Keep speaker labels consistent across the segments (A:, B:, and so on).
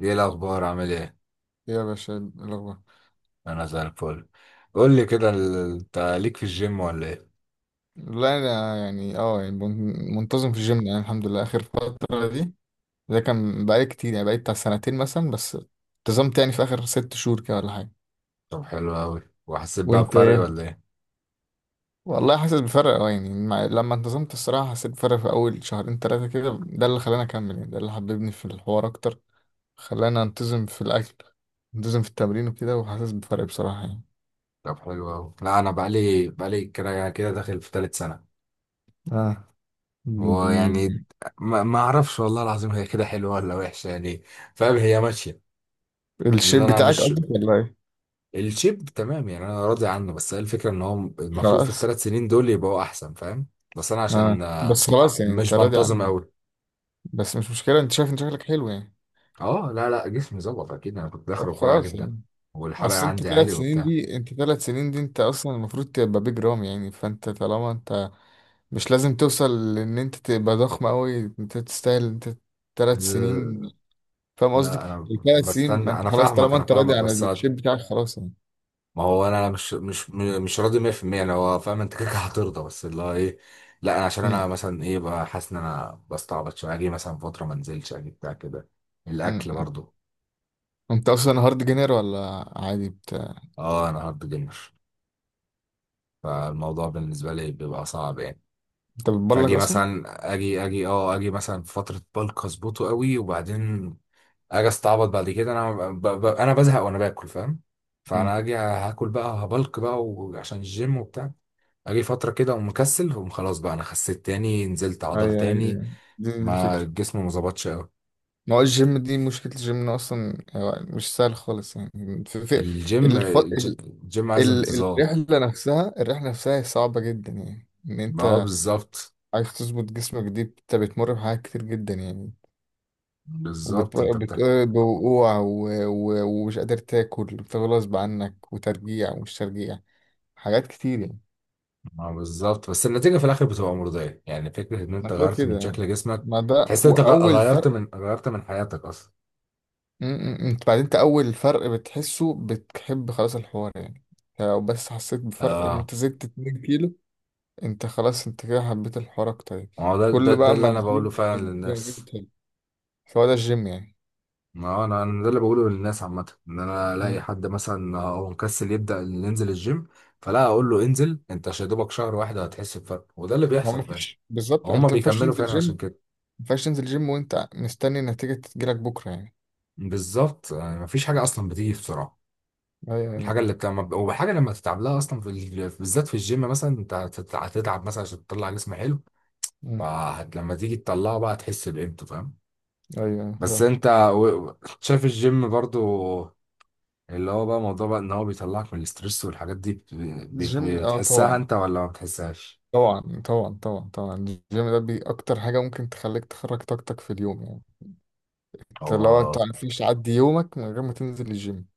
A: ايه الاخبار، عامل ايه؟
B: يا باشا الأخبار.
A: انا زي الفل. قول لي كده، انت ليك في الجيم ولا ايه؟
B: لا، أنا يعني يعني منتظم في الجيم، يعني الحمد لله آخر فترة دي. ده كان بقالي كتير، يعني بقالي بتاع سنتين مثلا، بس انتظمت يعني في آخر 6 شهور كده ولا حاجة.
A: طب حلو قوي، وحسيت بقى
B: وأنت
A: بفرق
B: إيه؟
A: ولا ايه؟
B: والله حاسس بفرق، يعني لما انتظمت الصراحة حسيت بفرق في أول شهرين تلاتة كده، ده اللي خلاني أكمل يعني، ده اللي حببني في الحوار أكتر. خلاني أنتظم في الأكل، أنتظم في التمرين وكده، وحاسس بفرق بصراحة يعني.
A: طب حلو قوي. لا انا بقالي كده كده داخل في تالت سنه،
B: اه
A: ويعني
B: م-
A: ما اعرفش، والله العظيم هي كده حلوه ولا وحشه يعني، فاهم، هي ماشيه. لان
B: الشيب
A: انا
B: بتاعك
A: مش،
B: قصدك ولا إيه؟
A: الشيب تمام يعني انا راضي عنه، بس هي الفكره ان هو المفروض في
B: خلاص.
A: ال3 سنين دول يبقوا احسن، فاهم. بس انا
B: اه
A: عشان
B: بس خلاص يعني، انت
A: مش
B: راضي
A: بنتظم
B: عني.
A: قوي.
B: بس مش مشكلة، انت شايف ان شكلك حلو يعني.
A: اه لا لا، جسمي ظبط اكيد، انا كنت داخل
B: طب
A: رفيع
B: خلاص
A: جدا،
B: يعني.
A: والحرق
B: اصل انت
A: عندي
B: ثلاث
A: عالي
B: سنين
A: وبتاع.
B: دي انت ثلاث سنين دي انت اصلا المفروض تبقى بيج رام يعني، فانت طالما انت مش لازم توصل، لان انت تبقى ضخم قوي، انت تستاهل. انت 3 سنين،
A: لا
B: فاهم قصدي.
A: لا، انا
B: 3 سنين، ما
A: بستنى،
B: انت
A: انا
B: خلاص
A: فاهمك،
B: طالما انت راضي عن
A: بس،
B: الشيب بتاعك، خلاص يعني.
A: ما هو انا مش راضي 100%، انا هو فاهم انت كده كده هترضى، بس اللي هو ايه. لا انا عشان
B: م-
A: انا مثلا ايه بقى حاسس ان انا بستعبط شويه، اجي مثلا فتره ما انزلش، اجي بتاع كده،
B: م-
A: الاكل
B: م.
A: برضو.
B: انت اصلا هارد جينير ولا عادي بتاع؟
A: اه انا هارد جيمر، فالموضوع بالنسبه لي بيبقى صعب يعني.
B: انت بتبلغ
A: فاجي
B: اصلا؟
A: مثلا، اجي مثلا في فتره بلك اظبطه قوي، وبعدين اجي استعبط بعد كده، انا انا بزهق وانا باكل، فاهم.
B: امم
A: فانا اجي هاكل بقى هبلك بقى وعشان الجيم وبتاع، اجي فتره كده اقوم مكسل اقوم خلاص بقى انا خسيت تاني، نزلت عضل
B: ايوه، ايوه،
A: تاني،
B: أيوة. دي
A: ما
B: الفكرة.
A: الجسم ما ظبطش قوي.
B: ما هو الجيم دي، مشكلة الجيم إنه أصلا هو مش سهل خالص يعني. في في
A: الجيم
B: الح...
A: الج...
B: ال...
A: الجيم عايز انتظام.
B: الرحلة نفسها هي صعبة جدا يعني، إن
A: اه
B: أنت
A: بالظبط.
B: عايز تظبط جسمك، دي أنت بتمر بحاجات كتير جدا يعني.
A: بالظبط
B: وبتوقع
A: انت بتحكي.
B: بوقوع، ومش قادر تاكل غصب عنك، وترجيع ومش ترجيع، حاجات كتير يعني.
A: اه بالظبط، بس النتيجه في الاخر بتبقى مرضيه يعني، فكره ان
B: ما
A: انت
B: كده
A: غيرت
B: كده
A: من
B: يعني.
A: شكل جسمك،
B: ما ده
A: تحس ان انت غ-
B: وأول
A: غيرت
B: فرق.
A: من غيرت من حياتك اصلا.
B: انت بعدين، انت اول فرق بتحسه بتحب خلاص الحوار يعني. يعني لو بس حسيت بفرق ان
A: اه
B: انت زدت 2 كيلو، انت خلاص، انت كده حبيت الحوار اكتر يعني.
A: ما هو ده ده
B: كل
A: ده
B: بقى ما
A: اللي انا
B: تزيد
A: بقوله فعلا
B: تحب، يعني
A: للناس.
B: تحب. فهو ده الجيم يعني.
A: ما انا ده اللي بقوله للناس عامه، ان انا
B: م.
A: الاقي حد مثلا هو مكسل يبدا ينزل الجيم، فلا اقول له انزل انت يا دوبك شهر واحد هتحس بفرق، وده اللي
B: هو ما
A: بيحصل فعلا.
B: فيش بالظبط،
A: وهم
B: انت ما ينفعش
A: بيكملوا
B: تنزل
A: فعلا
B: جيم
A: عشان
B: ما
A: كده.
B: ينفعش تنزل جيم وانت مستني النتيجة تجيلك بكرة يعني.
A: بالظبط يعني مفيش حاجه اصلا بتيجي بسرعه،
B: ايوه، ايوه،
A: الحاجه
B: أيوة.
A: اللي بتعمل وحاجه لما تتعب لها اصلا بالذات في الجيم مثلا انت هتتعب مثلا عشان تطلع جسم حلو،
B: م.
A: فلما تيجي تطلعه بقى تحس بقيمته، فاهم.
B: ايوه، أيوة،
A: بس
B: طبعا.
A: انت و... شايف الجيم برضو، اللي هو بقى موضوع بقى ان هو بيطلعك من الاسترس والحاجات دي
B: الجيم،
A: بتحسها
B: طبعا،
A: انت ولا ما بتحسهاش؟
B: طبعا، طبعا، طبعا، طبعا، الجيم ده بي اكتر حاجة ممكن تخليك تخرج طاقتك في اليوم يعني. انت لو انت
A: هو،
B: مفيش عدي يومك من غير ما تنزل الجيم.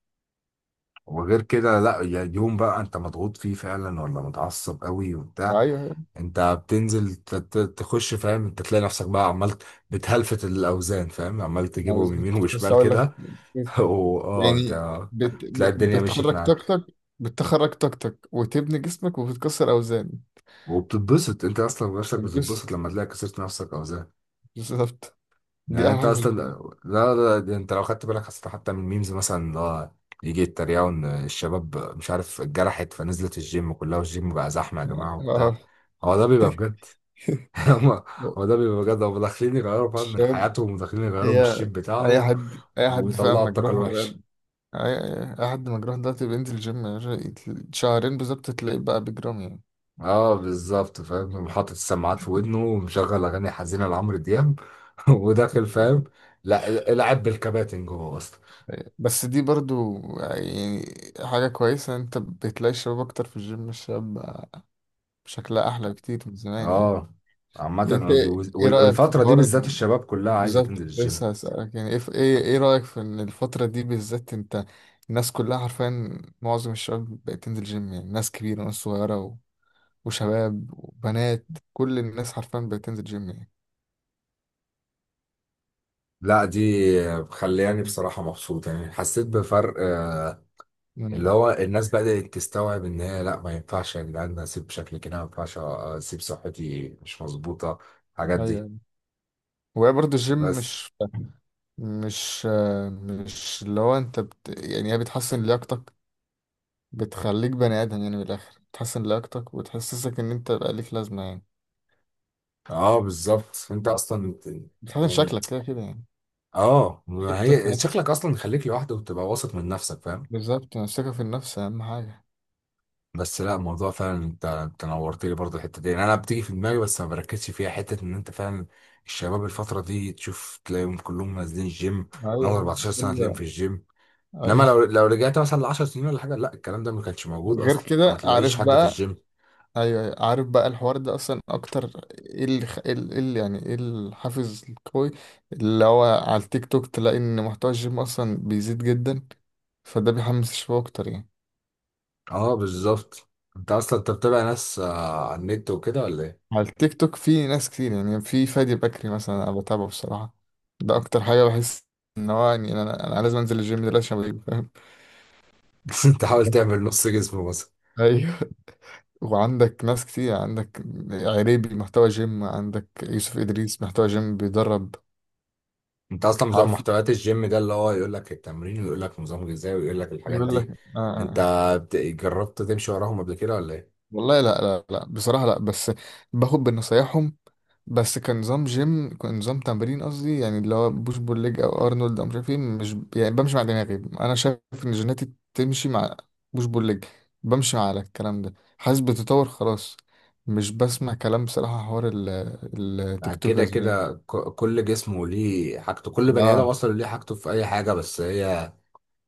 A: وغير كده لا يعني يوم بقى انت مضغوط فيه فعلا ولا متعصب قوي وبتاع،
B: ايوه،
A: انت بتنزل تخش، فاهم، انت تلاقي نفسك بقى عمال بتهلفت الاوزان، فاهم، عمال
B: ما
A: تجيبهم يمين
B: بالظبط كنت لسه
A: وشمال
B: اقول لك
A: كده. واه
B: يعني.
A: انت
B: بت...
A: تلاقي
B: ب-
A: الدنيا مشيت
B: بتخرج
A: معاك،
B: طاقتك بتخرج طاقتك وتبني جسمك وبتكسر اوزان.
A: وبتتبسط انت اصلا نفسك
B: بتبسط،
A: بتتبسط لما تلاقي كسرت نفسك اوزان،
B: بالظبط، دي
A: يعني
B: احلى
A: انت
B: حاجه في
A: اصلا.
B: الجيم
A: لا لا، ده انت لو خدت بالك اصلا حتى من ميمز مثلا اللي هو يجي يتريقوا ان الشباب مش عارف اتجرحت فنزلت الجيم كلها، والجيم بقى زحمه يا
B: يعني.
A: جماعه وبتاع.
B: اه
A: هو ده بيبقى بجد. هم- هو ده بيبقى بجد، هم داخلين يغيروا، فاهم، من
B: الشباب،
A: حياتهم وداخلين يغيروا من
B: هي
A: الشيب
B: اي
A: بتاعهم،
B: حد فاهم
A: ويطلعوا الطاقه
B: مجروح
A: الوحشه.
B: اي اي حد مجروح ده بينزل الجيم يا باشا، شهرين بالظبط تلاقيه بقى بجرام يعني.
A: اه بالظبط، فاهم، حاطط السماعات في ودنه ومشغل اغاني حزينه لعمرو دياب. وداخل، فاهم، لا العب بالكباتن جوه.
B: بس دي برضو يعني حاجة كويسة، انت بتلاقي الشباب اكتر في الجيم. الشباب بقى شكلها احلى بكتير من زمان يعني.
A: اه عامة،
B: يعني انت، ايه رأيك في
A: والفترة دي
B: الحوار
A: بالذات الشباب كلها عايزة
B: بالظبط
A: تنزل
B: كنت
A: الجيم.
B: لسه هسألك يعني، ايه ايه إيه رأيك في ان الفترة دي بالذات انت. الناس كلها حرفيا معظم الشباب بقت تنزل جيم يعني، ناس كبيرة وناس صغيرة وشباب وبنات، كل الناس حرفيا بقت تنزل جيم يعني.
A: لا دي مخلياني بصراحة مبسوط يعني، حسيت بفرق اللي
B: مم.
A: هو الناس بدأت تستوعب ان هي لا ما ينفعش يا جدعان اسيب شكلي كده، ما ينفعش اسيب صحتي مش مظبوطة، الحاجات دي.
B: ايوه. وهي برضه الجيم
A: بس
B: مش، مش اللي هو انت يعني هي بتحسن لياقتك، بتخليك بني ادم يعني، من الاخر بتحسن لياقتك وتحسسك ان انت بقى ليك لازمه يعني.
A: اه بالظبط انت اصلا
B: بتحسن
A: يعني،
B: شكلك كده كده يعني،
A: اه ما
B: ثقتك في
A: هي
B: نفسك.
A: شكلك اصلا خليك لوحدك وتبقى واثق من نفسك، فاهم.
B: بالظبط، الثقه في النفس اهم حاجه.
A: بس لا الموضوع فعلا، انت نورت لي برضه الحته دي يعني، انا بتيجي في دماغي بس ما بركزش فيها، حته ان انت فعلا الشباب الفتره دي تشوف تلاقيهم كلهم نازلين الجيم. من اول
B: ايوه،
A: 14 سنه تلاقيهم في الجيم، انما
B: ايوه.
A: لو رجعت مثلا ل 10 سنين ولا حاجه لا الكلام ده ما كانش موجود
B: وغير
A: اصلا، ما
B: كده
A: تلاقيش
B: عارف
A: حد في
B: بقى؟
A: الجيم.
B: ايوه، أيوة. عارف بقى الحوار ده اصلا اكتر؟ ايه اللي خ... ايه اللي إيه اللي يعني، ايه الحافز القوي؟ اللي هو على التيك توك، تلاقي ان محتوى الجيم اصلا بيزيد جدا، فده بيحمس الشباب اكتر يعني.
A: اه بالظبط، انت اصلا انت بتتابع ناس على النت وكده ولا ايه؟
B: على التيك توك في ناس كتير يعني، في فادي بكري مثلا انا بتابعه بصراحه. ده اكتر حاجه بحس ان هو يعني، انا لازم انزل الجيم دلوقتي عشان فاهم.
A: انت حاول تعمل نص جسم.
B: ايوه. وعندك ناس كتير، عندك عريبي محتوى جيم، عندك يوسف ادريس محتوى جيم بيدرب.
A: انت اصلا بتوع
B: عارف
A: محتويات الجيم ده اللي هو يقول لك التمرين ويقول لك نظام غذائي ويقول لك الحاجات
B: يقول
A: دي،
B: لك. آه.
A: انت
B: آه.
A: جربت تمشي وراهم قبل كده ولا ايه؟
B: والله لا، لا، لا، بصراحة لا، بس باخد بنصايحهم. بس كنظام جيم، كنظام تمرين قصدي يعني، اللي هو بوش بول ليج او ارنولد او مش عارف ايه. مش يعني بمشي مع دماغي، انا شايف ان جيناتي تمشي مع بوش بول ليج، بمشي على الكلام ده حاسس بتطور خلاص، مش بسمع كلام بصراحة حوار التيك
A: بعد كده
B: توكرز يعني.
A: كده كل جسمه ليه حاجته، كل
B: اه،
A: بني ادم اصلا ليه حاجته في اي حاجه، بس هي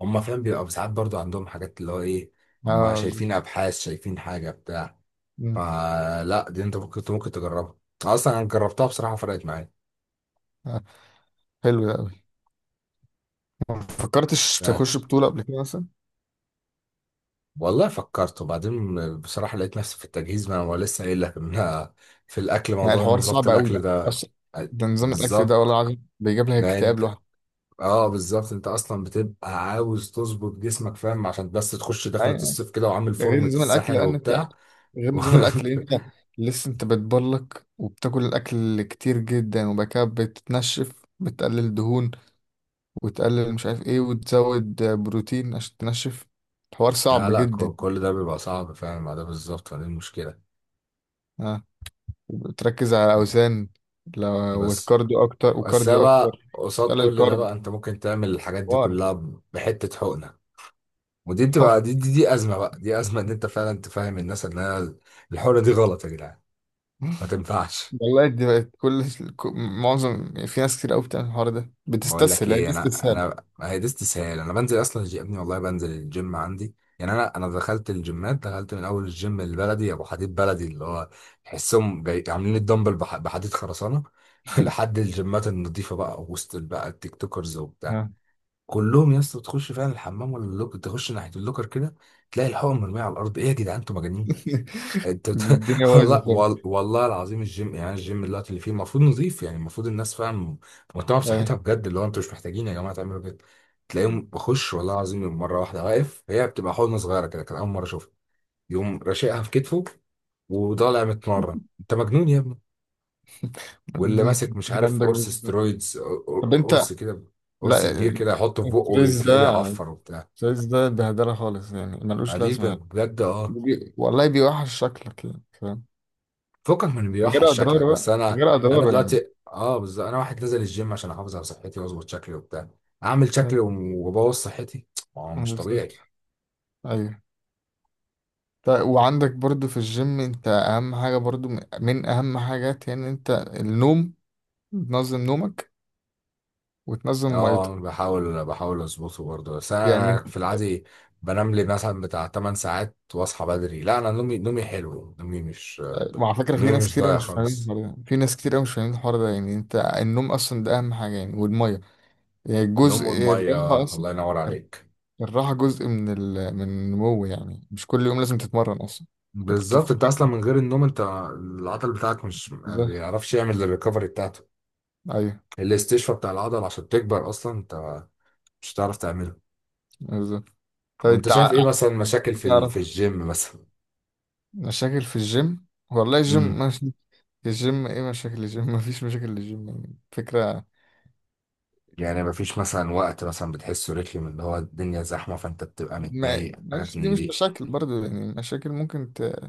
A: هم، فاهم، بيبقى ساعات برضو عندهم حاجات اللي هو ايه، هم
B: اه.
A: شايفين ابحاث شايفين حاجه بتاع.
B: مم،
A: فلا دي انت ممكن تجربها، اصلا انا جربتها بصراحه، فرقت معايا.
B: آه، حلو ده قوي. ما فكرتش تخش بطولة قبل كده مثلا؟
A: والله فكرت وبعدين بصراحة لقيت نفسي في التجهيز، ما هو لسه قايل لك ان أنا في الاكل
B: يعني
A: موضوع ان
B: الحوار
A: ظبط
B: صعب قوي
A: الاكل
B: بقى
A: ده،
B: اصلا، ده نظام الاكل ده، والله
A: بالظبط.
B: العظيم بيجيب لك
A: ده
B: اكتئاب
A: انت،
B: لوحده.
A: اه بالظبط انت اصلا بتبقى عاوز تظبط جسمك، فاهم، عشان بس تخش دخلة
B: أي-
A: الصيف كده وعامل
B: غير
A: فورمة
B: نظام الاكل
A: الساحل
B: لان انت
A: وبتاع.
B: غير نظام الاكل انت لسه انت بتبلك وبتاكل الاكل كتير جدا، وبعد كده بتتنشف بتقلل دهون، وتقلل مش عارف ايه، وتزود بروتين عشان تنشف. الحوار
A: لا
B: صعب
A: لا،
B: جدا.
A: كل ده بيبقى صعب، فاهم، ما ده بالظبط فدي المشكلة.
B: اه وتركز على الاوزان لو،
A: بس
B: وكارديو اكتر،
A: بس
B: وكارديو اكتر.
A: بقى قصاد
B: تقلل
A: كل ده
B: كارب
A: بقى انت ممكن تعمل الحاجات دي
B: حوار.
A: كلها بحتة حقنة. ودي بتبقى دي, دي دي ازمه بقى، دي ازمه ان انت فعلا تفهم الناس ان انا الحوره دي غلط يا جدعان، ما تنفعش.
B: والله دي بقت كل. معظم، في ناس كتير قوي بتعمل الحوار ده
A: بقول لك
B: بتستسهل، هي
A: ايه،
B: دي
A: انا،
B: استسهال.
A: ما هي دي استسهال، انا بنزل اصلا يا ابني والله بنزل الجيم عندي يعني، انا دخلت الجيمات، دخلت من اول الجيم البلدي ابو حديد بلدي اللي هو تحسهم عاملين الدمبل بحديد خرسانه. لحد الجيمات النظيفه بقى وسط بقى التيك توكرز وبتاع، كلهم يا اسطى تخش فعلا الحمام ولا اللوكر، تخش ناحيه اللوكر كده تلاقي الحقن مرميه على الارض، ايه يا جدعان انتوا مجانين؟ انت بت...
B: دي الدنيا بايظه
A: والله
B: خالص.
A: والله العظيم الجيم يعني الجيم دلوقتي اللي فيه المفروض نظيف يعني، المفروض الناس، فاهم، مهتمه
B: اي.
A: بصحتها بجد، اللي هو انتوا مش محتاجين يا جماعه تعملوا كده. تلاقيهم بخش والله العظيم مره واحده واقف، هي بتبقى حضنه صغيره كده كان اول مره اشوفها، يقوم راشقها في كتفه وطالع متمرن، انت مجنون يا ابني؟
B: دي
A: واللي
B: انت
A: ماسك مش
B: الدنيا
A: عارف
B: عندك
A: قرص
B: بايظه خالص.
A: سترويدز،
B: طب انت.
A: قرص كده، قرص
B: لا،
A: كبير كده يحطه في بقه
B: الكويز ده
A: وتلاقيه بيعفر وبتاع،
B: الكويز ده بهدله خالص يعني، ملوش
A: بعدين
B: لازمه يعني.
A: بجد اه.
B: والله بيوحش شكلك يعني فاهم.
A: فكك من
B: غير
A: بيوحش شكلك،
B: اضراره
A: بس
B: بقى،
A: انا
B: غير
A: انا
B: اضراره يعني.
A: دلوقتي اه بالظبط، انا واحد نازل الجيم عشان احافظ على صحتي واظبط شكلي وبتاع، اعمل شكلي وابوظ صحتي؟ ما هو
B: أنا
A: مش
B: بالظبط.
A: طبيعي.
B: ايوه. طيب، وعندك برضو في الجيم، انت اهم حاجه برضو من اهم حاجات يعني، انت النوم، تنظم نومك وتنظم
A: اه
B: ميتك
A: بحاول اظبطه برضه، بس انا
B: يعني.
A: في العادي بنام لي مثلا بتاع 8 ساعات واصحى بدري، لا انا نومي حلو،
B: وعلى فكرة،
A: نومي مش ضايع خالص،
B: في ناس كتير أوي مش فاهمين الحوار ده يعني، أنت النوم أصلا ده أهم حاجة يعني، والمية يعني، جزء
A: نوم
B: الراحة
A: المية
B: أصلا.
A: الله ينور عليك.
B: الراحة جزء من من النمو يعني، مش كل يوم لازم تتمرن أصلا. أنت كنت
A: بالظبط، انت اصلا
B: فاكر.
A: من غير النوم انت العضل بتاعك مش، ما
B: بالظبط.
A: بيعرفش يعمل الريكفري بتاعته،
B: أيوه.
A: الاستشفاء بتاع العضله عشان تكبر اصلا انت مش هتعرف تعمله.
B: بالظبط. طب
A: وانت
B: أنت
A: شايف ايه مثلا مشاكل في
B: تعرف
A: الجيم مثلا؟
B: مشاكل في الجيم؟ والله
A: امم
B: الجيم مش الجيم إيه مشاكل الجيم؟ مفيش مشاكل للجيم يعني فكرة.
A: يعني مفيش مثلا وقت مثلا بتحسه رخم اللي هو الدنيا زحمه فانت بتبقى
B: ما
A: متضايق، حاجات
B: مش دي
A: من
B: مش
A: دي.
B: مشاكل برضو يعني، مشاكل ممكن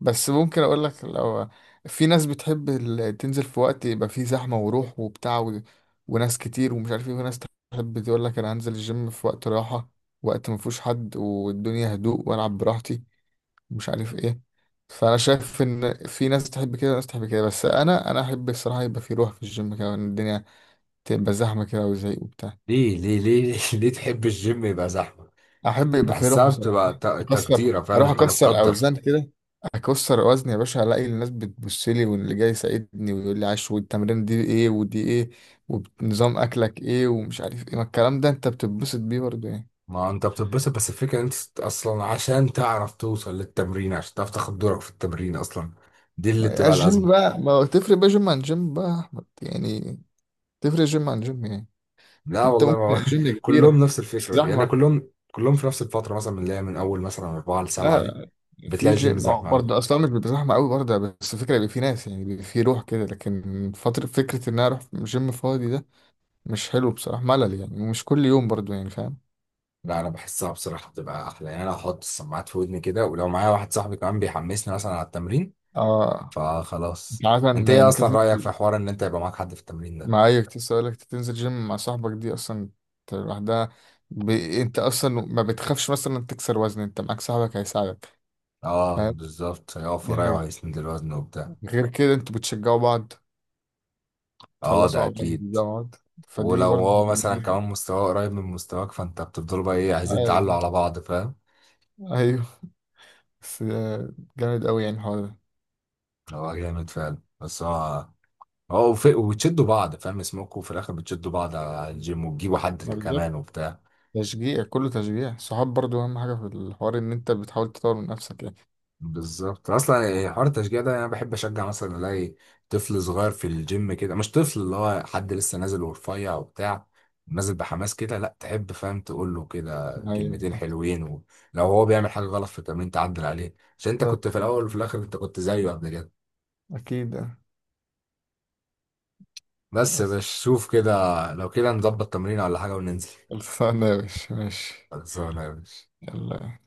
B: بس ممكن اقول لك، لو في ناس بتحب تنزل في وقت يبقى فيه زحمة وروح وبتاع، وناس كتير ومش عارف ايه، وناس تحب تقول لك انا هنزل الجيم في وقت راحة، وقت ما فيهوش حد والدنيا هدوء والعب براحتي، ومش عارف ايه. فانا شايف ان في ناس تحب كده وناس تحب كده، بس انا احب الصراحة يبقى فيه روح في الجيم كده، وان الدنيا تبقى زحمة كده وزهق وبتاع.
A: ليه ليه ليه ليه تحب الجيم يبقى زحمه؟
B: احب يبقى فيه روح
A: بحسها
B: بصراحه.
A: بتبقى
B: اكسر
A: تقديره، فاهم،
B: اروح
A: انت
B: اكسر
A: متقدر.
B: اوزان كده. اكسر وزن يا باشا، الاقي الناس بتبص لي واللي جاي يساعدني ويقول لي عاش، والتمرين دي ايه ودي ايه ونظام اكلك ايه ومش عارف ايه، ما الكلام ده انت بتتبسط بيه برضه يعني.
A: ما انت بتتبسط، بس الفكره ان انت اصلا عشان تعرف توصل للتمرين، عشان تعرف تاخد دورك في التمرين اصلا، دي اللي بتبقى
B: الجيم
A: الازمه.
B: بقى، ما هو تفرق بقى جيم عن جيم بقى يا أحمد، يعني تفرق جيم عن جيم يعني.
A: لا
B: انت
A: والله ما
B: ممكن
A: هو
B: الجيم كبيرة،
A: كلهم نفس
B: بس
A: الفكرة يعني،
B: زحمة.
A: كلهم في نفس الفترة مثلا من اللي هي من أول مثلا أربعة لسبعة دي
B: لا، في
A: بتلاقي الجيم
B: جيم
A: زحمة أوي.
B: برضه اصلا مش بيبقى زحمه قوي برضه، بس الفكره يبقى في ناس يعني بيبقى في روح كده، لكن فتره فكره ان انا اروح جيم فاضي ده مش حلو بصراحه، ملل يعني، ومش كل يوم برضه يعني فاهم.
A: لا أنا بحسها بصراحة بتبقى أحلى يعني، أنا أحط السماعات في ودني كده، ولو معايا واحد صاحبي كمان بيحمسني مثلا على التمرين
B: اه. انت
A: فخلاص.
B: عارف
A: أنت
B: ان
A: إيه
B: انت
A: أصلا رأيك في
B: تنزل
A: حوار إن أنت يبقى معاك حد في التمرين ده؟
B: معايا؟ كنت لسه اقول لك تنزل جيم مع صاحبك، دي اصلا. أنت لوحدها، انت اصلا ما بتخافش مثلا تكسر وزن، انت معاك صاحبك هيساعدك
A: أه
B: فاهم.
A: بالظبط، هيقف
B: دي
A: ورايا
B: حاجه.
A: وهيسند الوزن وبتاع.
B: غير كده، انتوا بتشجعوا بعض،
A: أه
B: تخلصوا
A: ده
B: مع بعض،
A: أكيد.
B: تبدأوا مع بعض. فدي
A: ولو
B: برضه
A: هو مثلا
B: ميزات.
A: كمان مستواه قريب من مستواك فأنت بتفضلوا بقى إيه، عايزين تعلوا
B: ايوه،
A: على بعض، فاهم؟
B: أيوة. بس جامد قوي يعني الحوار ده.
A: هو جامد فعلا، بس هو اه وبتشدوا بعض، فاهم، اسمكوا في الاخر بتشدوا بعض على الجيم وتجيبوا حد
B: ما بالظبط،
A: كمان وبتاع.
B: تشجيع، كله تشجيع صحاب برضو، أهم حاجة في الحوار إن أنت بتحاول تطور من نفسك يعني.
A: بالظبط اصلا يعني، حوار التشجيع ده انا بحب اشجع مثلا، الاقي طفل صغير في الجيم كده، مش طفل اللي هو حد لسه نازل ورفيع وبتاع، نازل بحماس كده، لا تحب، فاهم، تقول له كده
B: أيوة،
A: كلمتين حلوين، ولو هو بيعمل حاجه غلط في التمرين تعدل عليه، عشان انت
B: بالظبط،
A: كنت في الاول، وفي الاخر انت كنت زيه قبل كده.
B: أكيد يعني.
A: بس يا
B: بس
A: باشا شوف كده، لو كده نظبط تمرين ولا حاجه وننزل.
B: خلصانة يا باشا، ماشي،
A: خلصانه يا باشا.
B: يلا.